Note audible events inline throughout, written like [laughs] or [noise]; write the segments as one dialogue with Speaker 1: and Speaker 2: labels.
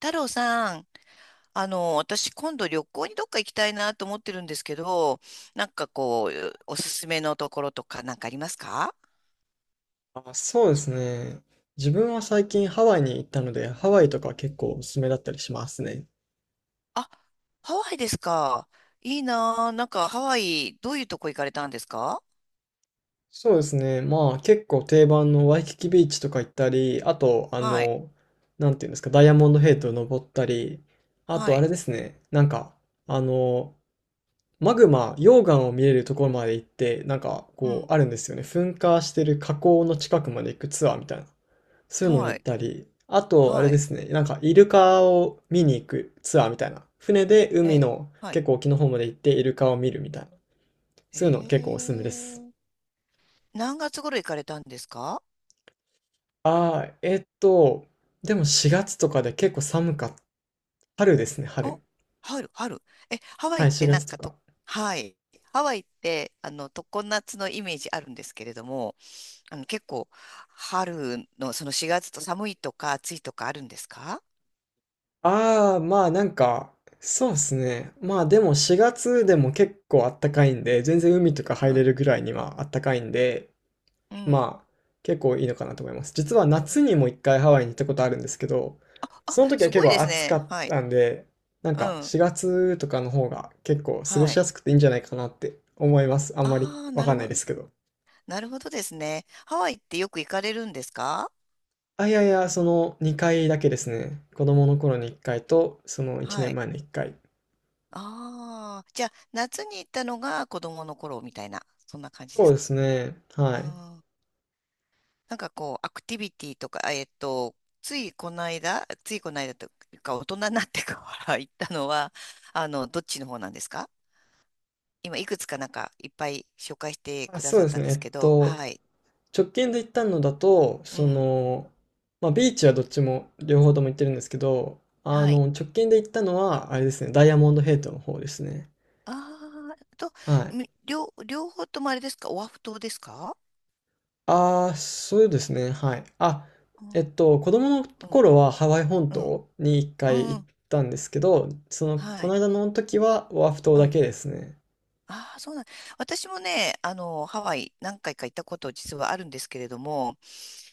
Speaker 1: 太郎さん、私今度旅行にどっか行きたいなと思ってるんですけど、なんかこう、おすすめのところとかなんかありますか？
Speaker 2: あ、そうですね。自分は最近ハワイに行ったので、ハワイとか結構おすすめだったりしますね。
Speaker 1: あ、ハワイですか。いいなぁ。なんかハワイ、どういうとこ行かれたんですか？
Speaker 2: そうですね。まあ結構定番のワイキキビーチとか行ったり、あと、
Speaker 1: はい、
Speaker 2: なんていうんですか、ダイヤモンドヘイトを登ったり、あ
Speaker 1: は
Speaker 2: とあ
Speaker 1: い、
Speaker 2: れですね、なんか、あの、マグマ、溶岩を見れるところまで行って、なんか
Speaker 1: う
Speaker 2: こ
Speaker 1: ん、
Speaker 2: うあるんですよね。噴火してる火口の近くまで行くツアーみたいな。そういうのに
Speaker 1: は
Speaker 2: 行っ
Speaker 1: い、
Speaker 2: たり、あと、あれ
Speaker 1: は
Speaker 2: で
Speaker 1: い、
Speaker 2: すね、なんかイルカを見に行くツアーみたいな。船で
Speaker 1: え
Speaker 2: 海
Speaker 1: え、
Speaker 2: の
Speaker 1: はい。
Speaker 2: 結構沖の方まで行ってイルカを見るみたいな。そういうの結構おす
Speaker 1: え
Speaker 2: すめです。
Speaker 1: え。何月頃行かれたんですか？
Speaker 2: ああ、でも4月とかで結構寒かった。春ですね、
Speaker 1: お、
Speaker 2: 春。
Speaker 1: 春、春。え、ハワイ
Speaker 2: は
Speaker 1: っ
Speaker 2: い、
Speaker 1: て
Speaker 2: 4
Speaker 1: なん
Speaker 2: 月と
Speaker 1: かと、
Speaker 2: か。
Speaker 1: はい。ハワイって、常夏のイメージあるんですけれども、結構、春のその4月と寒いとか暑いとかあるんですか？
Speaker 2: ああ、まあなんか、そうですね。まあでも4月でも結構あったかいんで、全然海とか
Speaker 1: う
Speaker 2: 入れ
Speaker 1: ん。
Speaker 2: るぐらいにはあったかいんで、
Speaker 1: うん。
Speaker 2: まあ、結構いいのかなと思います。実は夏にも一回ハワイに行ったことあるんですけど、
Speaker 1: あ、
Speaker 2: その時は
Speaker 1: す
Speaker 2: 結
Speaker 1: ごいで
Speaker 2: 構
Speaker 1: す
Speaker 2: 暑か
Speaker 1: ね。
Speaker 2: っ
Speaker 1: はい。
Speaker 2: たんで、なん
Speaker 1: う
Speaker 2: か
Speaker 1: ん。
Speaker 2: 4月とかの方が結構過ご
Speaker 1: は
Speaker 2: し
Speaker 1: い。
Speaker 2: やすくていいんじゃないかなって思います。あんまり
Speaker 1: ああ、
Speaker 2: わ
Speaker 1: なる
Speaker 2: かんない
Speaker 1: ほ
Speaker 2: で
Speaker 1: ど。
Speaker 2: すけど。
Speaker 1: なるほどですね。ハワイってよく行かれるんですか？
Speaker 2: あ、いやいや、その2回だけですね。子供の頃に1回と、その1
Speaker 1: は
Speaker 2: 年
Speaker 1: い。
Speaker 2: 前の1回。
Speaker 1: ああ、じゃあ、夏に行ったのが子供の頃みたいな、そんな感じで
Speaker 2: そう
Speaker 1: す
Speaker 2: で
Speaker 1: か？
Speaker 2: すね。
Speaker 1: う
Speaker 2: はい。
Speaker 1: ん。なんかこう、アクティビティとか、ついこの間というか、大人になってから行ったのは、どっちの方なんですか？今いくつかなんかいっぱい紹介して
Speaker 2: あ、
Speaker 1: くだ
Speaker 2: そう
Speaker 1: さっ
Speaker 2: です
Speaker 1: たん
Speaker 2: ね。
Speaker 1: ですけど、はい。
Speaker 2: 直近で行ったのだと、
Speaker 1: う
Speaker 2: そ
Speaker 1: ん。
Speaker 2: の、まあ、ビーチはどっちも、両方とも行ってるんですけど、
Speaker 1: はい。
Speaker 2: 直近で行ったのは、あれですね、ダイヤモンドヘイトの方ですね。
Speaker 1: ああ、と、
Speaker 2: はい。
Speaker 1: 両方ともあれですかオアフ島ですか？
Speaker 2: ああ、そうですね、はい。あ、
Speaker 1: うん、
Speaker 2: 子供の
Speaker 1: うん、
Speaker 2: 頃はハワイ本
Speaker 1: うん、
Speaker 2: 島に一
Speaker 1: う
Speaker 2: 回
Speaker 1: ん
Speaker 2: 行
Speaker 1: う
Speaker 2: っ
Speaker 1: ん。
Speaker 2: たんですけど、その、こ
Speaker 1: は
Speaker 2: の
Speaker 1: い。
Speaker 2: 間の時はオアフ島
Speaker 1: う
Speaker 2: だ
Speaker 1: ん。
Speaker 2: けですね。
Speaker 1: ああ、そうなん。私もね、ハワイ何回か行ったこと実はあるんですけれども、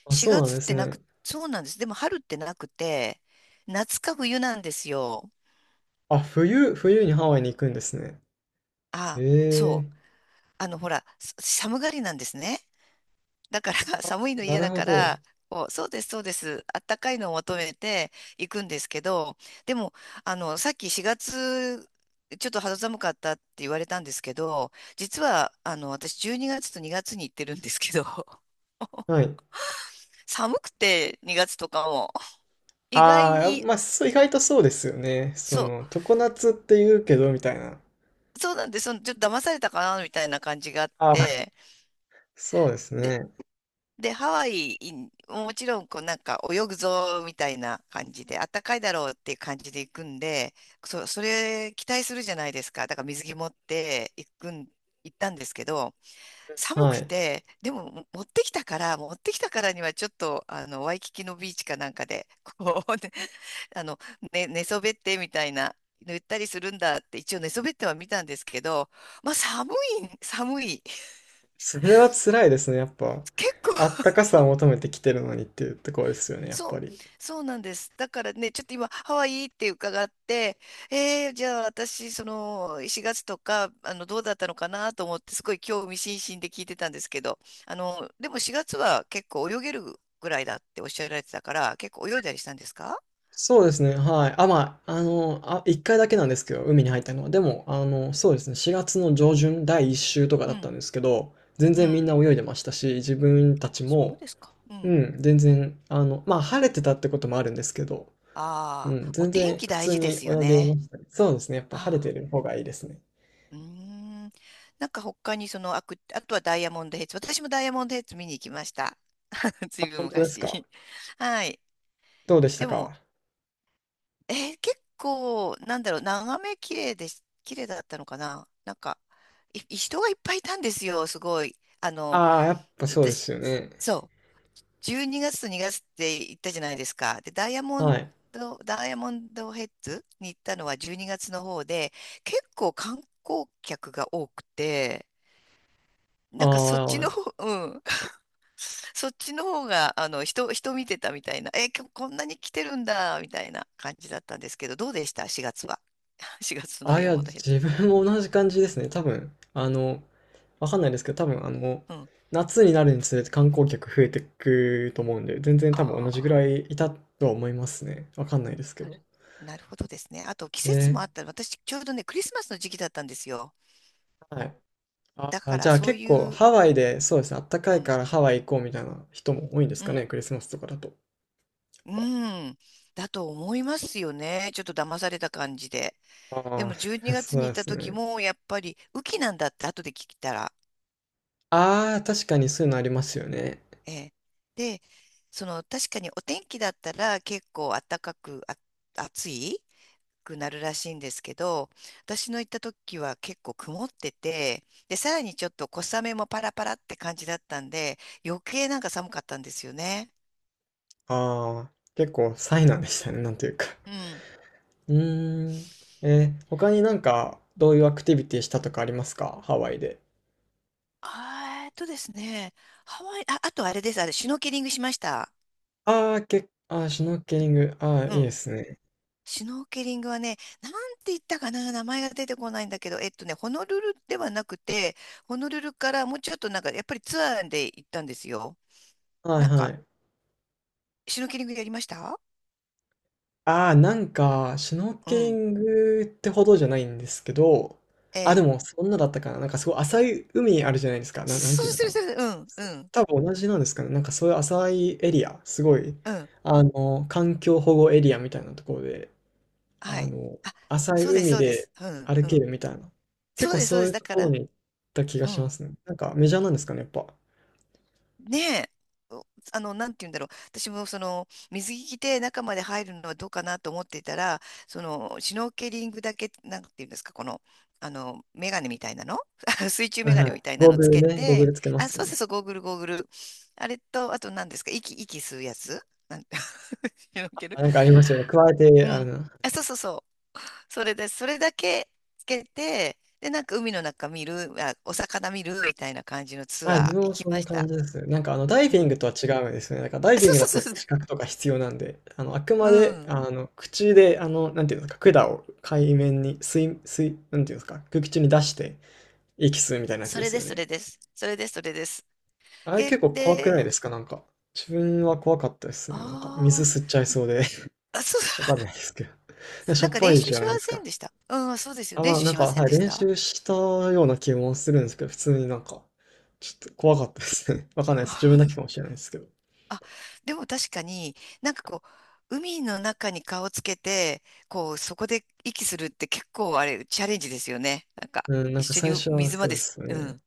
Speaker 2: あ、そう
Speaker 1: 4
Speaker 2: なん
Speaker 1: 月
Speaker 2: で
Speaker 1: っ
Speaker 2: す
Speaker 1: てな
Speaker 2: ね。
Speaker 1: く、そうなんです。でも春ってなくて、夏か冬なんですよ。
Speaker 2: あ、冬にハワイに行くんですね。
Speaker 1: ああ、
Speaker 2: ええ、
Speaker 1: そう。ほら、寒がりなんですね。だから [laughs] 寒いの
Speaker 2: な
Speaker 1: 嫌
Speaker 2: る
Speaker 1: だ
Speaker 2: ほ
Speaker 1: か
Speaker 2: ど。
Speaker 1: ら、こう、そうです、そうです。あったかいのを求めて行くんですけど、でも、さっき4月、ちょっと肌寒かったって言われたんですけど、実は、私12月と2月に行ってるんですけど、[laughs]
Speaker 2: はい。
Speaker 1: 寒くて2月とかも、意外
Speaker 2: ああ、
Speaker 1: に、
Speaker 2: まあ、そう、意外とそうですよね。そ
Speaker 1: そ
Speaker 2: の、常夏って言うけど、みたいな。
Speaker 1: う、そうなんです、そのちょっと騙されたかな、みたいな感じがあっ
Speaker 2: ああ、
Speaker 1: て、
Speaker 2: そうです
Speaker 1: で
Speaker 2: ね。
Speaker 1: で、ハワイ、もちろん、こう、なんか、泳ぐぞ、みたいな感じで、あったかいだろうっていう感じで行くんで、それ、期待するじゃないですか。だから、水着持って行くん、行ったんですけど、寒
Speaker 2: は
Speaker 1: く
Speaker 2: い。
Speaker 1: て、でも、持ってきたからには、ちょっと、ワイキキのビーチかなんかで、こう、[laughs] ね、あの、ね、寝そべって、みたいな、言ったりするんだって、一応寝そべっては見たんですけど、まあ、寒い、寒い。
Speaker 2: それは辛いですね、やっぱ。
Speaker 1: 結構
Speaker 2: あったかさを求めてきてるのにっていうところですよね、やっ
Speaker 1: そ
Speaker 2: ぱ
Speaker 1: う、
Speaker 2: り。
Speaker 1: そうなんです。だからね、ちょっと今、ハワイって伺って、じゃあ私、その、4月とか、どうだったのかなと思って、すごい興味津々で聞いてたんですけど、でも4月は結構泳げるぐらいだっておっしゃられてたから、結構泳いだりしたんですか？
Speaker 2: そうですね、はい。あ、まあ、あ、一回だけなんですけど、海に入ったのは。でも、そうですね、4月の上旬、第一週とか
Speaker 1: う
Speaker 2: だった
Speaker 1: ん、
Speaker 2: んですけど、全
Speaker 1: う
Speaker 2: 然みんな
Speaker 1: ん。
Speaker 2: 泳いでましたし、自分た
Speaker 1: あ、
Speaker 2: ち
Speaker 1: そう
Speaker 2: も、
Speaker 1: ですか。う
Speaker 2: う
Speaker 1: ん。
Speaker 2: ん、全然、まあ、晴れてたってこともあるんですけど、う
Speaker 1: あ
Speaker 2: ん、
Speaker 1: あ、お
Speaker 2: 全
Speaker 1: 天
Speaker 2: 然
Speaker 1: 気
Speaker 2: 普
Speaker 1: 大
Speaker 2: 通
Speaker 1: 事で
Speaker 2: に
Speaker 1: すよ
Speaker 2: 泳げ
Speaker 1: ね。
Speaker 2: ましたね。そうですね、やっぱ晴れ
Speaker 1: あ
Speaker 2: て
Speaker 1: あ、
Speaker 2: る方がいいですね。
Speaker 1: うーん。なんか他にその、あとはダイヤモンドヘッズ。私もダイヤモンドヘッズ見に行きました。[laughs] ず
Speaker 2: あ、
Speaker 1: いぶん
Speaker 2: 本当ですか？
Speaker 1: 昔。[laughs] はい。
Speaker 2: どうでした
Speaker 1: でも、
Speaker 2: か？
Speaker 1: 結構、なんだろう、眺め綺麗だったのかななんか、人がいっぱいいたんですよ、すごい。
Speaker 2: ああ、やっぱそうです
Speaker 1: 私、
Speaker 2: よね。
Speaker 1: そう、12月と2月って行ったじゃないですか。で、ダイヤモ
Speaker 2: は
Speaker 1: ン
Speaker 2: い。
Speaker 1: ド、ダイヤモンドヘッズに行ったのは12月の方で、結構観光客が多くて、
Speaker 2: あ
Speaker 1: なんかそっちの
Speaker 2: あ、
Speaker 1: 方、うん、そっちの方が、人見てたみたいな、え、今日こんなに来てるんだ、みたいな感じだったんですけど、どうでした？ 4 月は？[laughs] 4月のダ
Speaker 2: あ、い
Speaker 1: イヘ
Speaker 2: や、
Speaker 1: ッ
Speaker 2: 自分も同じ感じですね。多分、わかんないですけど、多分、
Speaker 1: ド。うん。
Speaker 2: 夏になるにつれて観光客増えてくと思うんで、全然多分
Speaker 1: あ
Speaker 2: 同じぐ
Speaker 1: あ、
Speaker 2: らいいたとは思いますね。わかんないですけ
Speaker 1: な
Speaker 2: ど。
Speaker 1: る、なるほどですね。あと、季節も
Speaker 2: え
Speaker 1: あった私、ちょうどね、クリスマスの時期だったんですよ。
Speaker 2: はい。あ
Speaker 1: だか
Speaker 2: あ、じ
Speaker 1: ら、
Speaker 2: ゃあ
Speaker 1: そう
Speaker 2: 結
Speaker 1: い
Speaker 2: 構
Speaker 1: う、
Speaker 2: ハワイで、そうですね、あった
Speaker 1: う
Speaker 2: かい
Speaker 1: ん、
Speaker 2: からハワイ行こうみたいな人も多いんです
Speaker 1: う
Speaker 2: か
Speaker 1: ん、
Speaker 2: ね、クリスマスとかだと。
Speaker 1: うん、だと思いますよね。ちょっと騙された感じで。で
Speaker 2: ああ、
Speaker 1: も、12
Speaker 2: [laughs]
Speaker 1: 月
Speaker 2: そ
Speaker 1: にがつ
Speaker 2: う
Speaker 1: に行っ
Speaker 2: で
Speaker 1: た
Speaker 2: す
Speaker 1: 時
Speaker 2: ね。
Speaker 1: も、やっぱり、雨季なんだって、後で聞いたら、
Speaker 2: ああ、確かにそういうのありますよね。
Speaker 1: ええで、その確かにお天気だったら結構暖かくあ暑いくなるらしいんですけど、私の行った時は結構曇ってて、で、さらにちょっと小雨もパラパラって感じだったんで、余計なんか寒かったんですよね。
Speaker 2: ああ、結構災難でしたね、なんというか。
Speaker 1: うん。
Speaker 2: うーん。他になんか、どういうアクティビティしたとかありますかハワイで？
Speaker 1: ですね、ハワイ、あ、あとあれです、シュノーケリングしました。
Speaker 2: ああ、ああ、シュノーケリング。ああ、
Speaker 1: う
Speaker 2: いい
Speaker 1: ん。
Speaker 2: ですね。
Speaker 1: シュノーケリングはね、なんて言ったかな、名前が出てこないんだけど、ホノルルではなくて、ホノルルからもうちょっとなんか、やっぱりツアーで行ったんですよ。
Speaker 2: はい
Speaker 1: なん
Speaker 2: は
Speaker 1: か、
Speaker 2: い。
Speaker 1: シュノーケリングやりました？
Speaker 2: ああ、なんか、シュノー
Speaker 1: う
Speaker 2: ケリ
Speaker 1: ん。
Speaker 2: ングってほどじゃないんですけど、
Speaker 1: え
Speaker 2: あ、でも、
Speaker 1: え。
Speaker 2: そんなだったかな。なんかすごい浅い海あるじゃないですか。
Speaker 1: そ、
Speaker 2: なん
Speaker 1: [laughs] そ
Speaker 2: ていう
Speaker 1: う
Speaker 2: のか
Speaker 1: です、そ
Speaker 2: な。
Speaker 1: うです。うん、うん、
Speaker 2: 多分同じなんですかね。なんかそういう浅いエリア、すごい、
Speaker 1: うん。
Speaker 2: 環境保護エリアみたいなところで、
Speaker 1: は
Speaker 2: あ
Speaker 1: い。
Speaker 2: の、
Speaker 1: あ、
Speaker 2: 浅い
Speaker 1: そうです、
Speaker 2: 海
Speaker 1: そうで
Speaker 2: で
Speaker 1: す。うん、
Speaker 2: 歩
Speaker 1: う
Speaker 2: け
Speaker 1: ん。
Speaker 2: るみたいな。結
Speaker 1: そう
Speaker 2: 構
Speaker 1: です、そう
Speaker 2: そう
Speaker 1: で
Speaker 2: い
Speaker 1: す。
Speaker 2: う
Speaker 1: だ
Speaker 2: と
Speaker 1: か
Speaker 2: ころ
Speaker 1: ら、
Speaker 2: に行った気が
Speaker 1: う
Speaker 2: しま
Speaker 1: ん。
Speaker 2: すね。なんかメジャーなんですかね、やっぱ。
Speaker 1: ねえ、おあの、なんて言うんだろう。私もその、水着着て中まで入るのはどうかなと思っていたら、その、シュノーケリングだけ、なんて言うんですか、この、メガネみたいなの [laughs] 水中
Speaker 2: は
Speaker 1: メ
Speaker 2: い
Speaker 1: ガネ
Speaker 2: はい。
Speaker 1: みたいな
Speaker 2: ゴー
Speaker 1: の
Speaker 2: グ
Speaker 1: つ
Speaker 2: ル
Speaker 1: け
Speaker 2: ね、ゴーグ
Speaker 1: て、
Speaker 2: ルつけま
Speaker 1: あ、
Speaker 2: すよ
Speaker 1: そうそう
Speaker 2: ね。
Speaker 1: そう、ゴーグル、ゴーグル。あれと、あと何ですか、息吸うやつ [laughs] なんて、[laughs] シュノーケル。
Speaker 2: あなんかありますよね。加えて、
Speaker 1: うん。あ、そうそうそう。それで、それだけつけて、で、なんか海の中見る、あ、お魚見るみたいな感じのツ
Speaker 2: あ、
Speaker 1: ア
Speaker 2: 自
Speaker 1: ー
Speaker 2: 分
Speaker 1: 行
Speaker 2: も
Speaker 1: き
Speaker 2: そん
Speaker 1: ま
Speaker 2: な
Speaker 1: し
Speaker 2: 感
Speaker 1: た。
Speaker 2: じです。なんかあのダイ
Speaker 1: う
Speaker 2: ビング
Speaker 1: ん。
Speaker 2: とは違うんですね。なんかダイ
Speaker 1: あ
Speaker 2: ビ
Speaker 1: そ
Speaker 2: ン
Speaker 1: う
Speaker 2: グだと
Speaker 1: そう
Speaker 2: やっ
Speaker 1: そ
Speaker 2: ぱ
Speaker 1: う。
Speaker 2: 資格とか必要なんで、あくま
Speaker 1: う
Speaker 2: で
Speaker 1: ん。
Speaker 2: 口でなんていうんですか、管を海面に水、なんていうんですか、空気中に出して息吸うみたいなやつ
Speaker 1: そ
Speaker 2: で
Speaker 1: れ
Speaker 2: す
Speaker 1: で
Speaker 2: よ
Speaker 1: す、そ
Speaker 2: ね。
Speaker 1: れです。それです、それです。
Speaker 2: あれ
Speaker 1: で、
Speaker 2: 結構怖くない
Speaker 1: で、
Speaker 2: ですかなんか？自分は怖かったですね。なんか水
Speaker 1: あ
Speaker 2: 吸っちゃいそうで
Speaker 1: そう、
Speaker 2: [laughs]。わかん
Speaker 1: [laughs]
Speaker 2: ないですけど。[laughs] し
Speaker 1: な
Speaker 2: ょ
Speaker 1: ん
Speaker 2: っ
Speaker 1: か
Speaker 2: ぱ
Speaker 1: 練
Speaker 2: い
Speaker 1: 習
Speaker 2: じゃ
Speaker 1: し
Speaker 2: な
Speaker 1: ま
Speaker 2: いです
Speaker 1: せん
Speaker 2: か。
Speaker 1: でした。うん、そうですよ。
Speaker 2: あ、
Speaker 1: 練
Speaker 2: まあ
Speaker 1: 習
Speaker 2: なん
Speaker 1: し
Speaker 2: か、
Speaker 1: ません
Speaker 2: はい、
Speaker 1: でし
Speaker 2: 練
Speaker 1: た。
Speaker 2: 習したような気もするんですけど、普通になんか、ちょっと怖かったですね。[laughs] わかんないです。自分
Speaker 1: [laughs]
Speaker 2: だけかもしれないですけど。
Speaker 1: あ、でも確かになんかこう、海の中に顔つけて、こう、そこで息するって結構あれ、チャレンジですよね。なんか、
Speaker 2: うん、な
Speaker 1: 一
Speaker 2: んか
Speaker 1: 緒
Speaker 2: 最
Speaker 1: に
Speaker 2: 初は
Speaker 1: 水ま
Speaker 2: そう
Speaker 1: で
Speaker 2: で
Speaker 1: す。
Speaker 2: す
Speaker 1: う
Speaker 2: ね。
Speaker 1: ん。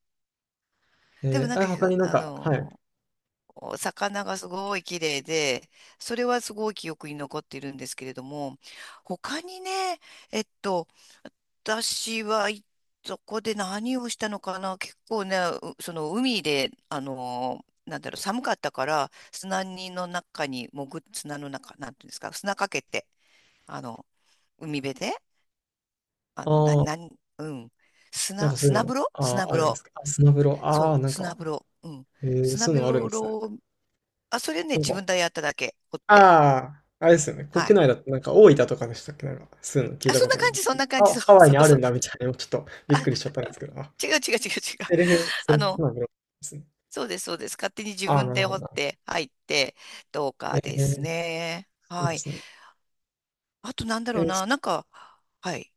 Speaker 1: でもなん
Speaker 2: あ、
Speaker 1: か、
Speaker 2: 他になん
Speaker 1: あ
Speaker 2: か、はい。
Speaker 1: の、お魚がすごい綺麗で、それはすごい記憶に残っているんですけれども、他にね、えっと、私は、そこで何をしたのかな結構ね、その海で、なんだろう、寒かったから、砂にの中に潜っ、砂の中、なんていうんですか、砂かけて、あの、海辺で、あの、な、
Speaker 2: あ
Speaker 1: な
Speaker 2: あ、
Speaker 1: うん、
Speaker 2: なんかそうい
Speaker 1: 砂
Speaker 2: うの、
Speaker 1: 風呂
Speaker 2: あ
Speaker 1: 砂
Speaker 2: あ、あ
Speaker 1: 風
Speaker 2: るんです
Speaker 1: 呂。
Speaker 2: か？あス
Speaker 1: う
Speaker 2: マ
Speaker 1: ん。
Speaker 2: ブラ、あ
Speaker 1: そ
Speaker 2: あ、な
Speaker 1: う、
Speaker 2: ん
Speaker 1: 砂
Speaker 2: か、
Speaker 1: 風呂。うん。砂
Speaker 2: そうい
Speaker 1: 風
Speaker 2: うのあるんですね。
Speaker 1: 呂を、あ、それね、
Speaker 2: なん
Speaker 1: 自
Speaker 2: か、
Speaker 1: 分でやっただけ、掘って。
Speaker 2: ああ、あれですよね。国
Speaker 1: はい。
Speaker 2: 内だと、なんか大分とかでしたっけなんか、そういうの聞い
Speaker 1: あ、
Speaker 2: た
Speaker 1: そん
Speaker 2: こ
Speaker 1: な
Speaker 2: とあり
Speaker 1: 感
Speaker 2: ま
Speaker 1: じ、
Speaker 2: す
Speaker 1: そん
Speaker 2: けど。
Speaker 1: な感じ、
Speaker 2: あ、
Speaker 1: そう
Speaker 2: ハワイ
Speaker 1: そ
Speaker 2: に
Speaker 1: う
Speaker 2: あ
Speaker 1: そ
Speaker 2: るん
Speaker 1: う。
Speaker 2: だみたいな、ちょっとびっ
Speaker 1: あ、
Speaker 2: くりしちゃったんですけど。あ、
Speaker 1: 違う違う違う違う。
Speaker 2: セ
Speaker 1: あ
Speaker 2: ルフス
Speaker 1: の、
Speaker 2: マブラですね。
Speaker 1: そうです、そうです。勝手に自
Speaker 2: ああ、
Speaker 1: 分
Speaker 2: なる
Speaker 1: で
Speaker 2: ほ
Speaker 1: 掘
Speaker 2: ど、
Speaker 1: っ
Speaker 2: なるほど。
Speaker 1: て入って、どう
Speaker 2: え
Speaker 1: かです
Speaker 2: ー、
Speaker 1: ね。
Speaker 2: そう
Speaker 1: は
Speaker 2: で
Speaker 1: い。
Speaker 2: すね。
Speaker 1: あとなんだ
Speaker 2: え
Speaker 1: ろう
Speaker 2: ー
Speaker 1: な。なんか、はい。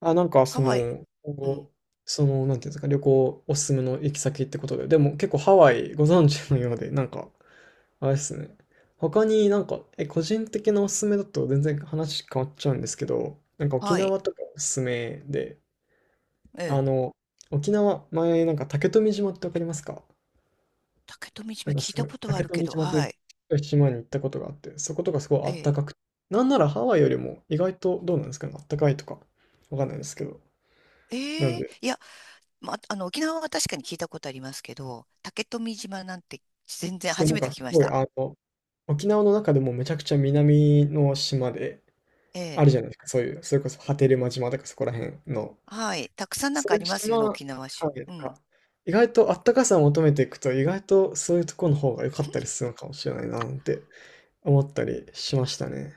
Speaker 2: あ、なんか
Speaker 1: ハ
Speaker 2: そ
Speaker 1: ワイ、
Speaker 2: の、今
Speaker 1: うん。
Speaker 2: 後、その、なんていうんですか、旅行おすすめの行き先ってことで、でも結構ハワイご存知のようで、なんか、あれですね。他になんか、個人的なおすすめだと全然話変わっちゃうんですけど、なんか沖
Speaker 1: はい。
Speaker 2: 縄とかおすすめで、
Speaker 1: え
Speaker 2: あ
Speaker 1: え。
Speaker 2: の、沖縄、前なんか竹富島ってわかりますか？
Speaker 1: 竹富
Speaker 2: なん
Speaker 1: 島
Speaker 2: か
Speaker 1: 聞い
Speaker 2: すご
Speaker 1: た
Speaker 2: い、
Speaker 1: ことはあ
Speaker 2: 竹
Speaker 1: るけ
Speaker 2: 富
Speaker 1: ど、
Speaker 2: 島とい
Speaker 1: はい。
Speaker 2: う島に行ったことがあって、そことかすごいあ
Speaker 1: え
Speaker 2: ったか
Speaker 1: え。
Speaker 2: くて、なんならハワイよりも意外とどうなんですかね、あったかいとか、わかんないですけど。なん
Speaker 1: ええ。
Speaker 2: で、
Speaker 1: いや、ま、沖縄は確かに聞いたことありますけど、竹富島なんて全然
Speaker 2: そう、
Speaker 1: 初
Speaker 2: なん
Speaker 1: めて
Speaker 2: か
Speaker 1: 聞
Speaker 2: す
Speaker 1: きまし
Speaker 2: ごい、
Speaker 1: た。
Speaker 2: 沖縄の中でもめちゃくちゃ南の島で、
Speaker 1: え
Speaker 2: ある
Speaker 1: え。
Speaker 2: じゃないですか、そういう、それこそ波照間島とかそこら辺の、
Speaker 1: はい。たくさんなん
Speaker 2: そ
Speaker 1: か
Speaker 2: う
Speaker 1: あ
Speaker 2: い
Speaker 1: り
Speaker 2: う
Speaker 1: ますよ
Speaker 2: 島、
Speaker 1: ね、
Speaker 2: は
Speaker 1: 沖縄市。
Speaker 2: い、なん
Speaker 1: うん。
Speaker 2: か、意外とあったかさを求めていくと、意外とそういうところの方が良かったりするのかもしれないな、なんて思ったりしましたね。